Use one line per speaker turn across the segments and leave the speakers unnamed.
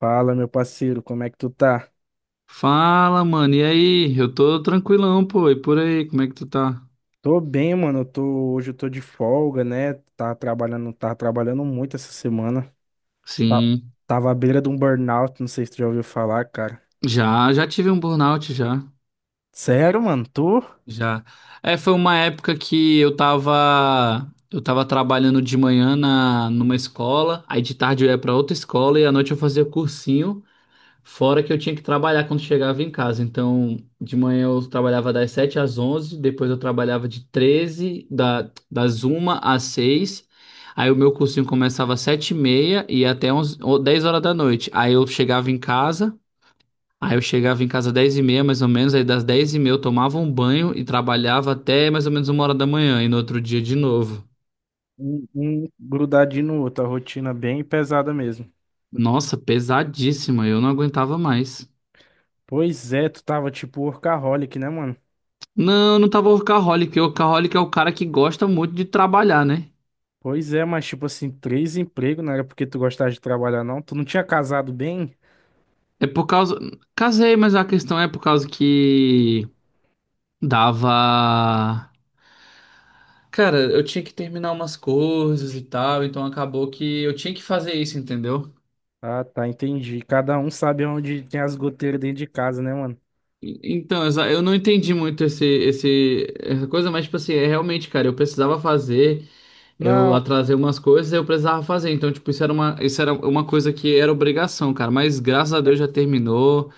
Fala, meu parceiro, como é que tu tá?
Fala, mano. E aí? Eu tô tranquilão, pô. E por aí, como é que tu tá?
Tô bem, mano. Hoje eu tô de folga, né? Tá trabalhando muito essa semana. Tá-
Sim.
Tava à beira de um burnout, não sei se tu já ouviu falar, cara.
Já, já tive um burnout já.
Sério, mano, tu
Já. É, foi uma época que eu tava trabalhando de manhã na numa escola, aí de tarde eu ia pra outra escola e à noite eu fazia cursinho. Fora que eu tinha que trabalhar quando chegava em casa. Então, de manhã eu trabalhava das 7 às 11, depois eu trabalhava das 1 às 6. Aí o meu cursinho começava às 7 e meia e ia até 11, ou 10 horas da noite. Aí eu chegava em casa às 10 e meia mais ou menos, aí das 10:30 eu tomava um banho e trabalhava até mais ou menos 1 hora da manhã e no outro dia de novo.
um grudadinho no outro, a rotina bem pesada mesmo.
Nossa, pesadíssima, eu não aguentava mais.
Pois é, tu tava tipo workaholic, né, mano?
Não, não tava workaholic. Workaholic é o cara que gosta muito de trabalhar, né?
Pois é, mas tipo assim, três empregos, não era porque tu gostava de trabalhar, não? Tu não tinha casado bem?
É por causa. Casei, mas a questão é por causa que dava. Cara, eu tinha que terminar umas coisas e tal, então acabou que eu tinha que fazer isso, entendeu?
Ah, tá, entendi. Cada um sabe onde tem as goteiras dentro de casa, né, mano?
Então, eu não entendi muito essa coisa, mas, tipo assim, é realmente, cara, eu precisava fazer. Eu
Não.
atrasei umas coisas e eu precisava fazer. Então, tipo, isso era uma coisa que era obrigação, cara. Mas graças a
É,
Deus já terminou.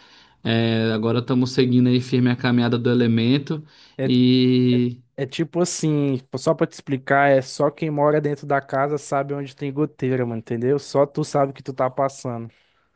É, agora estamos seguindo aí firme a caminhada do elemento.
é.
E
É tipo assim, só pra te explicar, é só quem mora dentro da casa sabe onde tem goteira, mano, entendeu? Só tu sabe o que tu tá passando.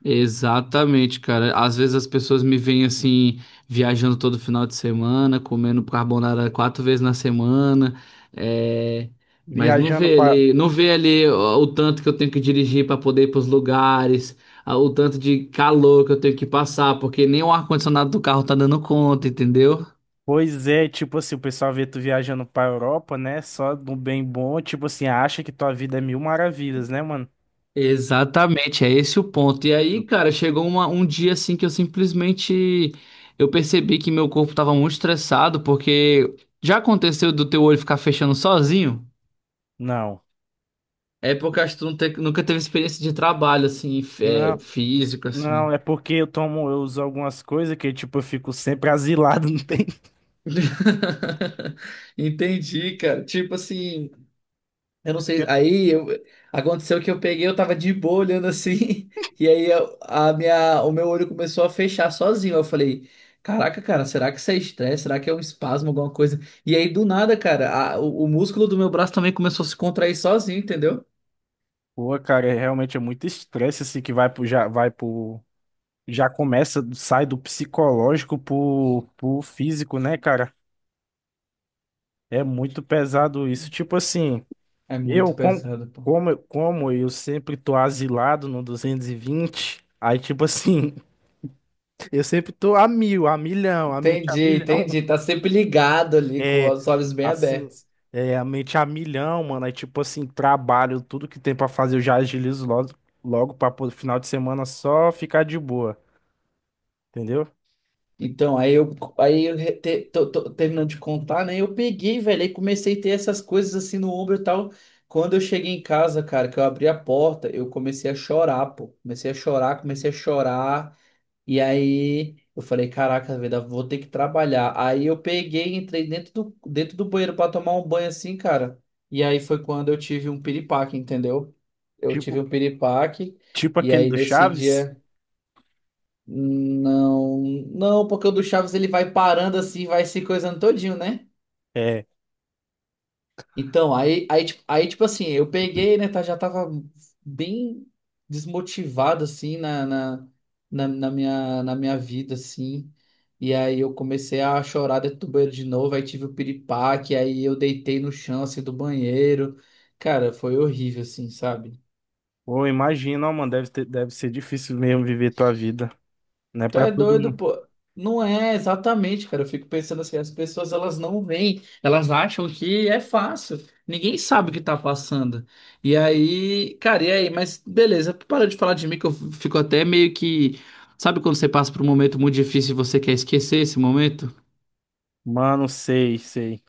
Exatamente, cara. Às vezes as pessoas me veem assim, viajando todo final de semana, comendo carbonara quatro vezes na semana, é, mas não
Viajando
vê
pra.
ali, não vê ali ó, o tanto que eu tenho que dirigir para poder ir para os lugares, o tanto de calor que eu tenho que passar, porque nem o ar-condicionado do carro tá dando conta, entendeu?
Pois é, tipo assim, o pessoal vê tu viajando pra Europa, né? Só do bem bom, tipo assim, acha que tua vida é mil maravilhas, né, mano?
Exatamente, é esse o ponto. E aí, cara, chegou um dia assim que eu simplesmente eu percebi que meu corpo tava muito estressado, porque já aconteceu do teu olho ficar fechando sozinho?
Não.
É porque eu acho que tu não nunca teve experiência de trabalho assim,
Não,
físico
não,
assim.
é porque eu tomo, eu uso algumas coisas que, tipo, eu fico sempre asilado, não tem.
Entendi, cara. Tipo assim, eu não sei. Aconteceu que eu peguei, eu tava de boa olhando assim, e o meu olho começou a fechar sozinho. Eu falei, caraca, cara, será que isso é estresse? Será que é um espasmo, alguma coisa? E aí do nada, cara, o músculo do meu braço também começou a se contrair sozinho, entendeu?
Pô, cara, é, realmente é muito estresse assim que vai pro, já começa, sai do psicológico pro físico, né, cara? É muito pesado isso. Tipo assim,
É
eu,
muito
com,
pesado, pô.
como eu sempre tô asilado no 220 aí, tipo assim, eu sempre tô a mil, a milhão, a mente a
Entendi,
milhão.
entendi. Tá sempre ligado ali com
É.
os olhos bem
Assim,
abertos.
é, a mente a milhão, mano. Aí, tipo assim, trabalho, tudo que tem pra fazer, eu já agilizo logo, logo pra pô, final de semana só ficar de boa, entendeu?
Então, aí eu tô terminando de contar, né? Eu peguei, velho, aí comecei a ter essas coisas assim no ombro e tal. Quando eu cheguei em casa, cara, que eu abri a porta, eu comecei a chorar, pô. Comecei a chorar, comecei a chorar. E aí eu falei, caraca, velho, vou ter que trabalhar. Aí eu peguei, entrei dentro do banheiro pra tomar um banho assim, cara. E aí foi quando eu tive um piripaque, entendeu? Eu tive
Tipo,
um piripaque.
tipo
E
aquele
aí
do
nesse
Chaves.
dia. Não, não, porque o do Chaves ele vai parando assim, vai se coisando todinho, né?
É.
Então, tipo assim, eu peguei, né, tá, já tava bem desmotivado, assim, na minha vida, assim. E aí eu comecei a chorar dentro do banheiro de novo, aí tive o piripaque, aí eu deitei no chão, assim, do banheiro. Cara, foi horrível, assim, sabe?
Pô, imagina, ó, mano, deve ser difícil mesmo viver tua vida, né?
Tu
Pra
é
todo
doido,
mundo.
pô. Não é exatamente, cara. Eu fico pensando assim, as pessoas elas não veem, elas acham que é fácil. Ninguém sabe o que tá passando. E aí, cara, e aí? Mas beleza, para de falar de mim que eu fico até meio que, sabe quando você passa por um momento muito difícil e você quer esquecer esse momento?
Mano, sei, sei.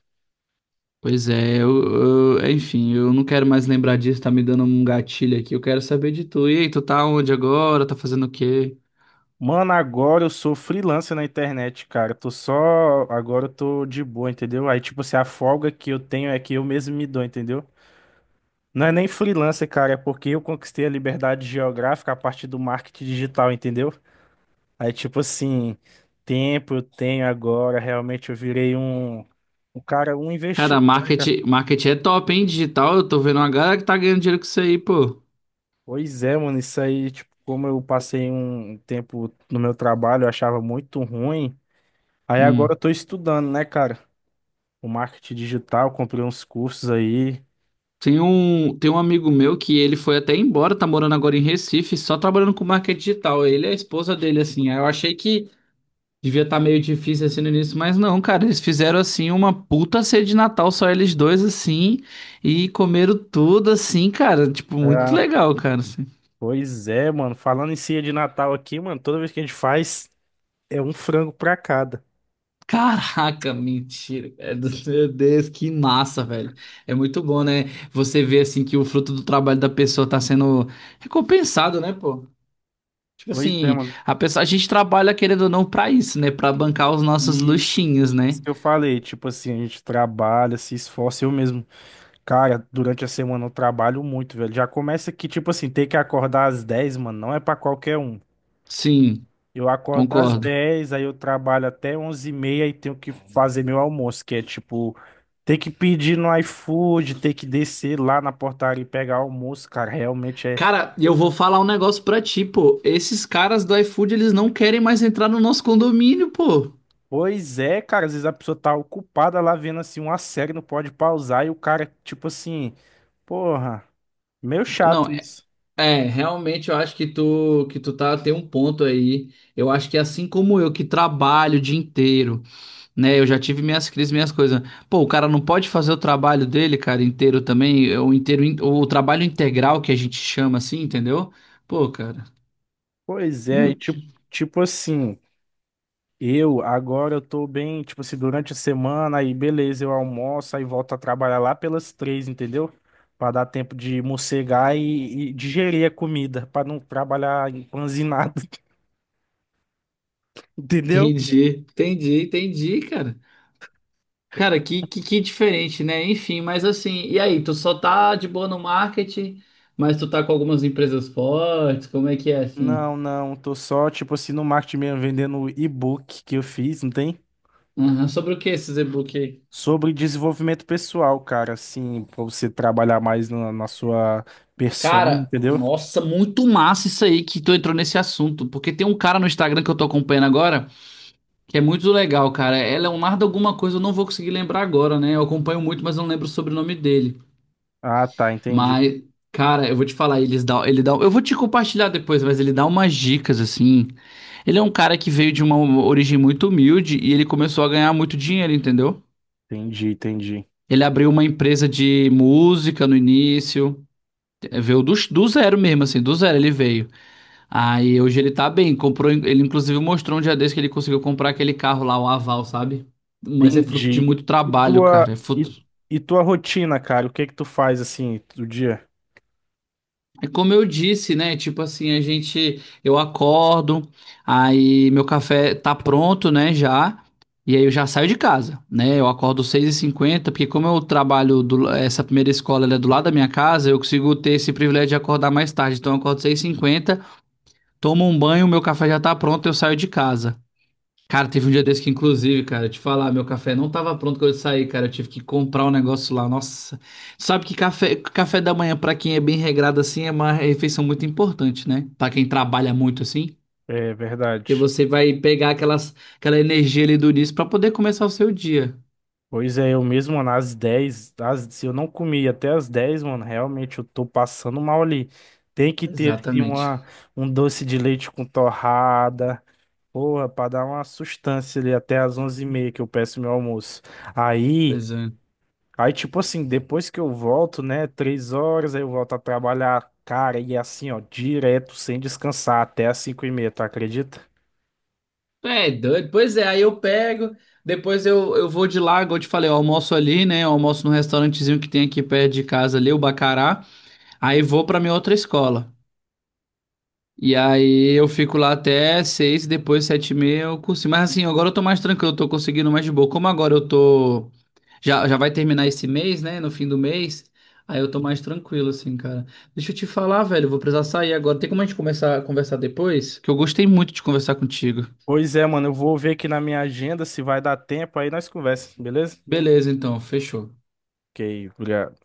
Pois é, enfim, eu não quero mais lembrar disso, tá me dando um gatilho aqui. Eu quero saber de tu. E aí, tu tá onde agora? Tá fazendo o quê?
Mano, agora eu sou freelancer na internet, cara. Tô só. Agora eu tô de boa, entendeu? Aí, tipo assim, a folga que eu tenho é que eu mesmo me dou, entendeu? Não é nem freelancer, cara, é porque eu conquistei a liberdade geográfica a partir do marketing digital, entendeu? Aí, tipo assim, tempo eu tenho agora, realmente eu virei um
Cara,
investidor, né, cara?
marketing, marketing é top, hein? Digital, eu tô vendo uma galera que tá ganhando dinheiro com isso aí, pô.
Pois é, mano, isso aí, tipo, como eu passei um tempo no meu trabalho, eu achava muito ruim. Aí agora eu
Hum.
tô estudando, né, cara? O marketing digital, comprei uns cursos aí.
Tem um amigo meu que ele foi até embora, tá morando agora em Recife, só trabalhando com marketing digital. Ele e a esposa dele, assim. Aí eu achei que devia estar meio difícil assim no início, mas não, cara, eles fizeram assim uma puta ceia de Natal, só eles dois, assim, e comeram tudo assim, cara. Tipo, muito
É,
legal, cara.
pois é, mano. Falando em ceia de Natal aqui, mano, toda vez que a gente faz, é um frango pra cada.
Caraca, mentira, cara. Meu Deus, que massa, velho. É muito bom, né? Você vê assim que o fruto do trabalho da pessoa tá sendo recompensado, né, pô? Tipo
Pois é,
assim,
mano.
a pessoa, a gente trabalha querendo ou não pra isso, né? Pra bancar os nossos
E
luxinhos, né?
isso que eu falei, tipo assim, a gente trabalha, se esforça. Eu mesmo, cara, durante a semana eu trabalho muito, velho. Já começa que, tipo assim, ter que acordar às 10 mano, não é pra qualquer um.
Sim,
Eu acordo das
concordo.
10, aí eu trabalho até onze e meia e tenho que fazer meu almoço, que é tipo, ter que pedir no iFood, ter que descer lá na portaria e pegar almoço, cara, realmente é.
Cara, e eu vou falar um negócio pra ti, pô. Esses caras do iFood, eles não querem mais entrar no nosso condomínio, pô.
Pois é, cara, às vezes a pessoa tá ocupada lá vendo assim uma série, não pode pausar, e o cara, tipo assim, porra, meio chato
Não.
isso.
É, realmente eu acho que tu tá tem um ponto aí. Eu acho que assim como eu que trabalho o dia inteiro, né? Eu já tive minhas crises, minhas coisas. Pô, o cara não pode fazer o trabalho dele, cara, inteiro também, é o inteiro o trabalho integral que a gente chama assim, entendeu? Pô, cara,
Pois é, e
muito-
tipo, tipo assim. Agora eu tô bem, tipo assim, durante a semana, aí beleza, eu almoço, aí volto a trabalhar lá pelas três, entendeu? Pra dar tempo de mossegar e digerir a comida, pra não trabalhar empanzinado, entendeu?
entendi, entendi, entendi, cara. Cara, que diferente, né? Enfim, mas assim, e aí, tu só tá de boa no marketing, mas tu tá com algumas empresas fortes, como é que é assim?
Não, não, tô só, tipo assim, no marketing mesmo, vendendo o e-book que eu fiz, não tem?
Aham. Sobre o que esse e-book aí?
Sobre desenvolvimento pessoal, cara, assim, pra você trabalhar mais na, na sua persona,
Cara,
entendeu?
nossa, muito massa isso aí que tu entrou nesse assunto. Porque tem um cara no Instagram que eu tô acompanhando agora, que é muito legal, cara. É Leonardo alguma coisa, eu não vou conseguir lembrar agora, né? Eu acompanho muito, mas não lembro o sobrenome dele.
Ah, tá, entendi,
Mas, cara, eu vou te falar, eles dá, ele dá, eu vou te compartilhar depois, mas ele dá umas dicas assim. Ele é um cara que veio de uma origem muito humilde e ele começou a ganhar muito dinheiro, entendeu?
entendi, entendi.
Ele abriu uma empresa de música no início. Veio do zero mesmo, assim, do zero ele veio. Aí hoje ele tá bem, comprou, ele inclusive mostrou um dia desse que ele conseguiu comprar aquele carro lá, o Aval, sabe? Mas é fruto de
Entendi.
muito
E, e
trabalho, cara,
tua,
é
e,
fruto...
e tua rotina, cara? O que é que tu faz assim do dia?
É como eu disse, né? Tipo assim, eu acordo, aí meu café tá pronto, né, já, e aí eu já saio de casa, né? Eu acordo 6:50 porque como eu trabalho, essa primeira escola ela é do lado da minha casa, eu consigo ter esse privilégio de acordar mais tarde, então eu acordo 6:50. Tomo um banho, meu café já tá pronto, eu saio de casa. Cara, teve um dia desse que, inclusive, cara, eu te falar, meu café não tava pronto quando eu saí, cara. Eu tive que comprar um negócio lá. Nossa, sabe que café da manhã, pra quem é bem regrado assim, é uma refeição muito importante, né? Pra quem trabalha muito assim,
É
porque
verdade.
você vai pegar aquela energia ali do início pra poder começar o seu dia.
Pois é, eu mesmo, mano, às 10, se eu não comi até às 10, mano, realmente eu tô passando mal ali. Tem que ter assim,
Exatamente.
uma, um doce de leite com torrada, porra, pra dar uma sustância ali até às onze e meia que eu peço meu almoço. Aí.
Pois é.
Aí, tipo assim, depois que eu volto, né, três horas, aí eu volto a trabalhar, cara, e assim, ó, direto, sem descansar, até às cinco e meia, tu acredita?
É, doido. Pois é, aí eu pego, depois eu vou de lá, igual eu te falei, eu almoço ali, né? Eu almoço num restaurantezinho que tem aqui perto de casa ali, o Bacará. Aí vou pra minha outra escola. E aí eu fico lá até 6, depois 7:30 eu consigo. Mas assim, agora eu tô mais tranquilo, eu tô conseguindo mais de boa. Como agora eu tô. Já, já vai terminar esse mês, né? No fim do mês. Aí eu tô mais tranquilo, assim, cara. Deixa eu te falar, velho, eu vou precisar sair agora. Tem como a gente começar a conversar depois? Que eu gostei muito de conversar contigo.
Pois é, mano, eu vou ver aqui na minha agenda se vai dar tempo, aí nós conversamos, beleza?
Beleza, então, fechou.
Ok, obrigado.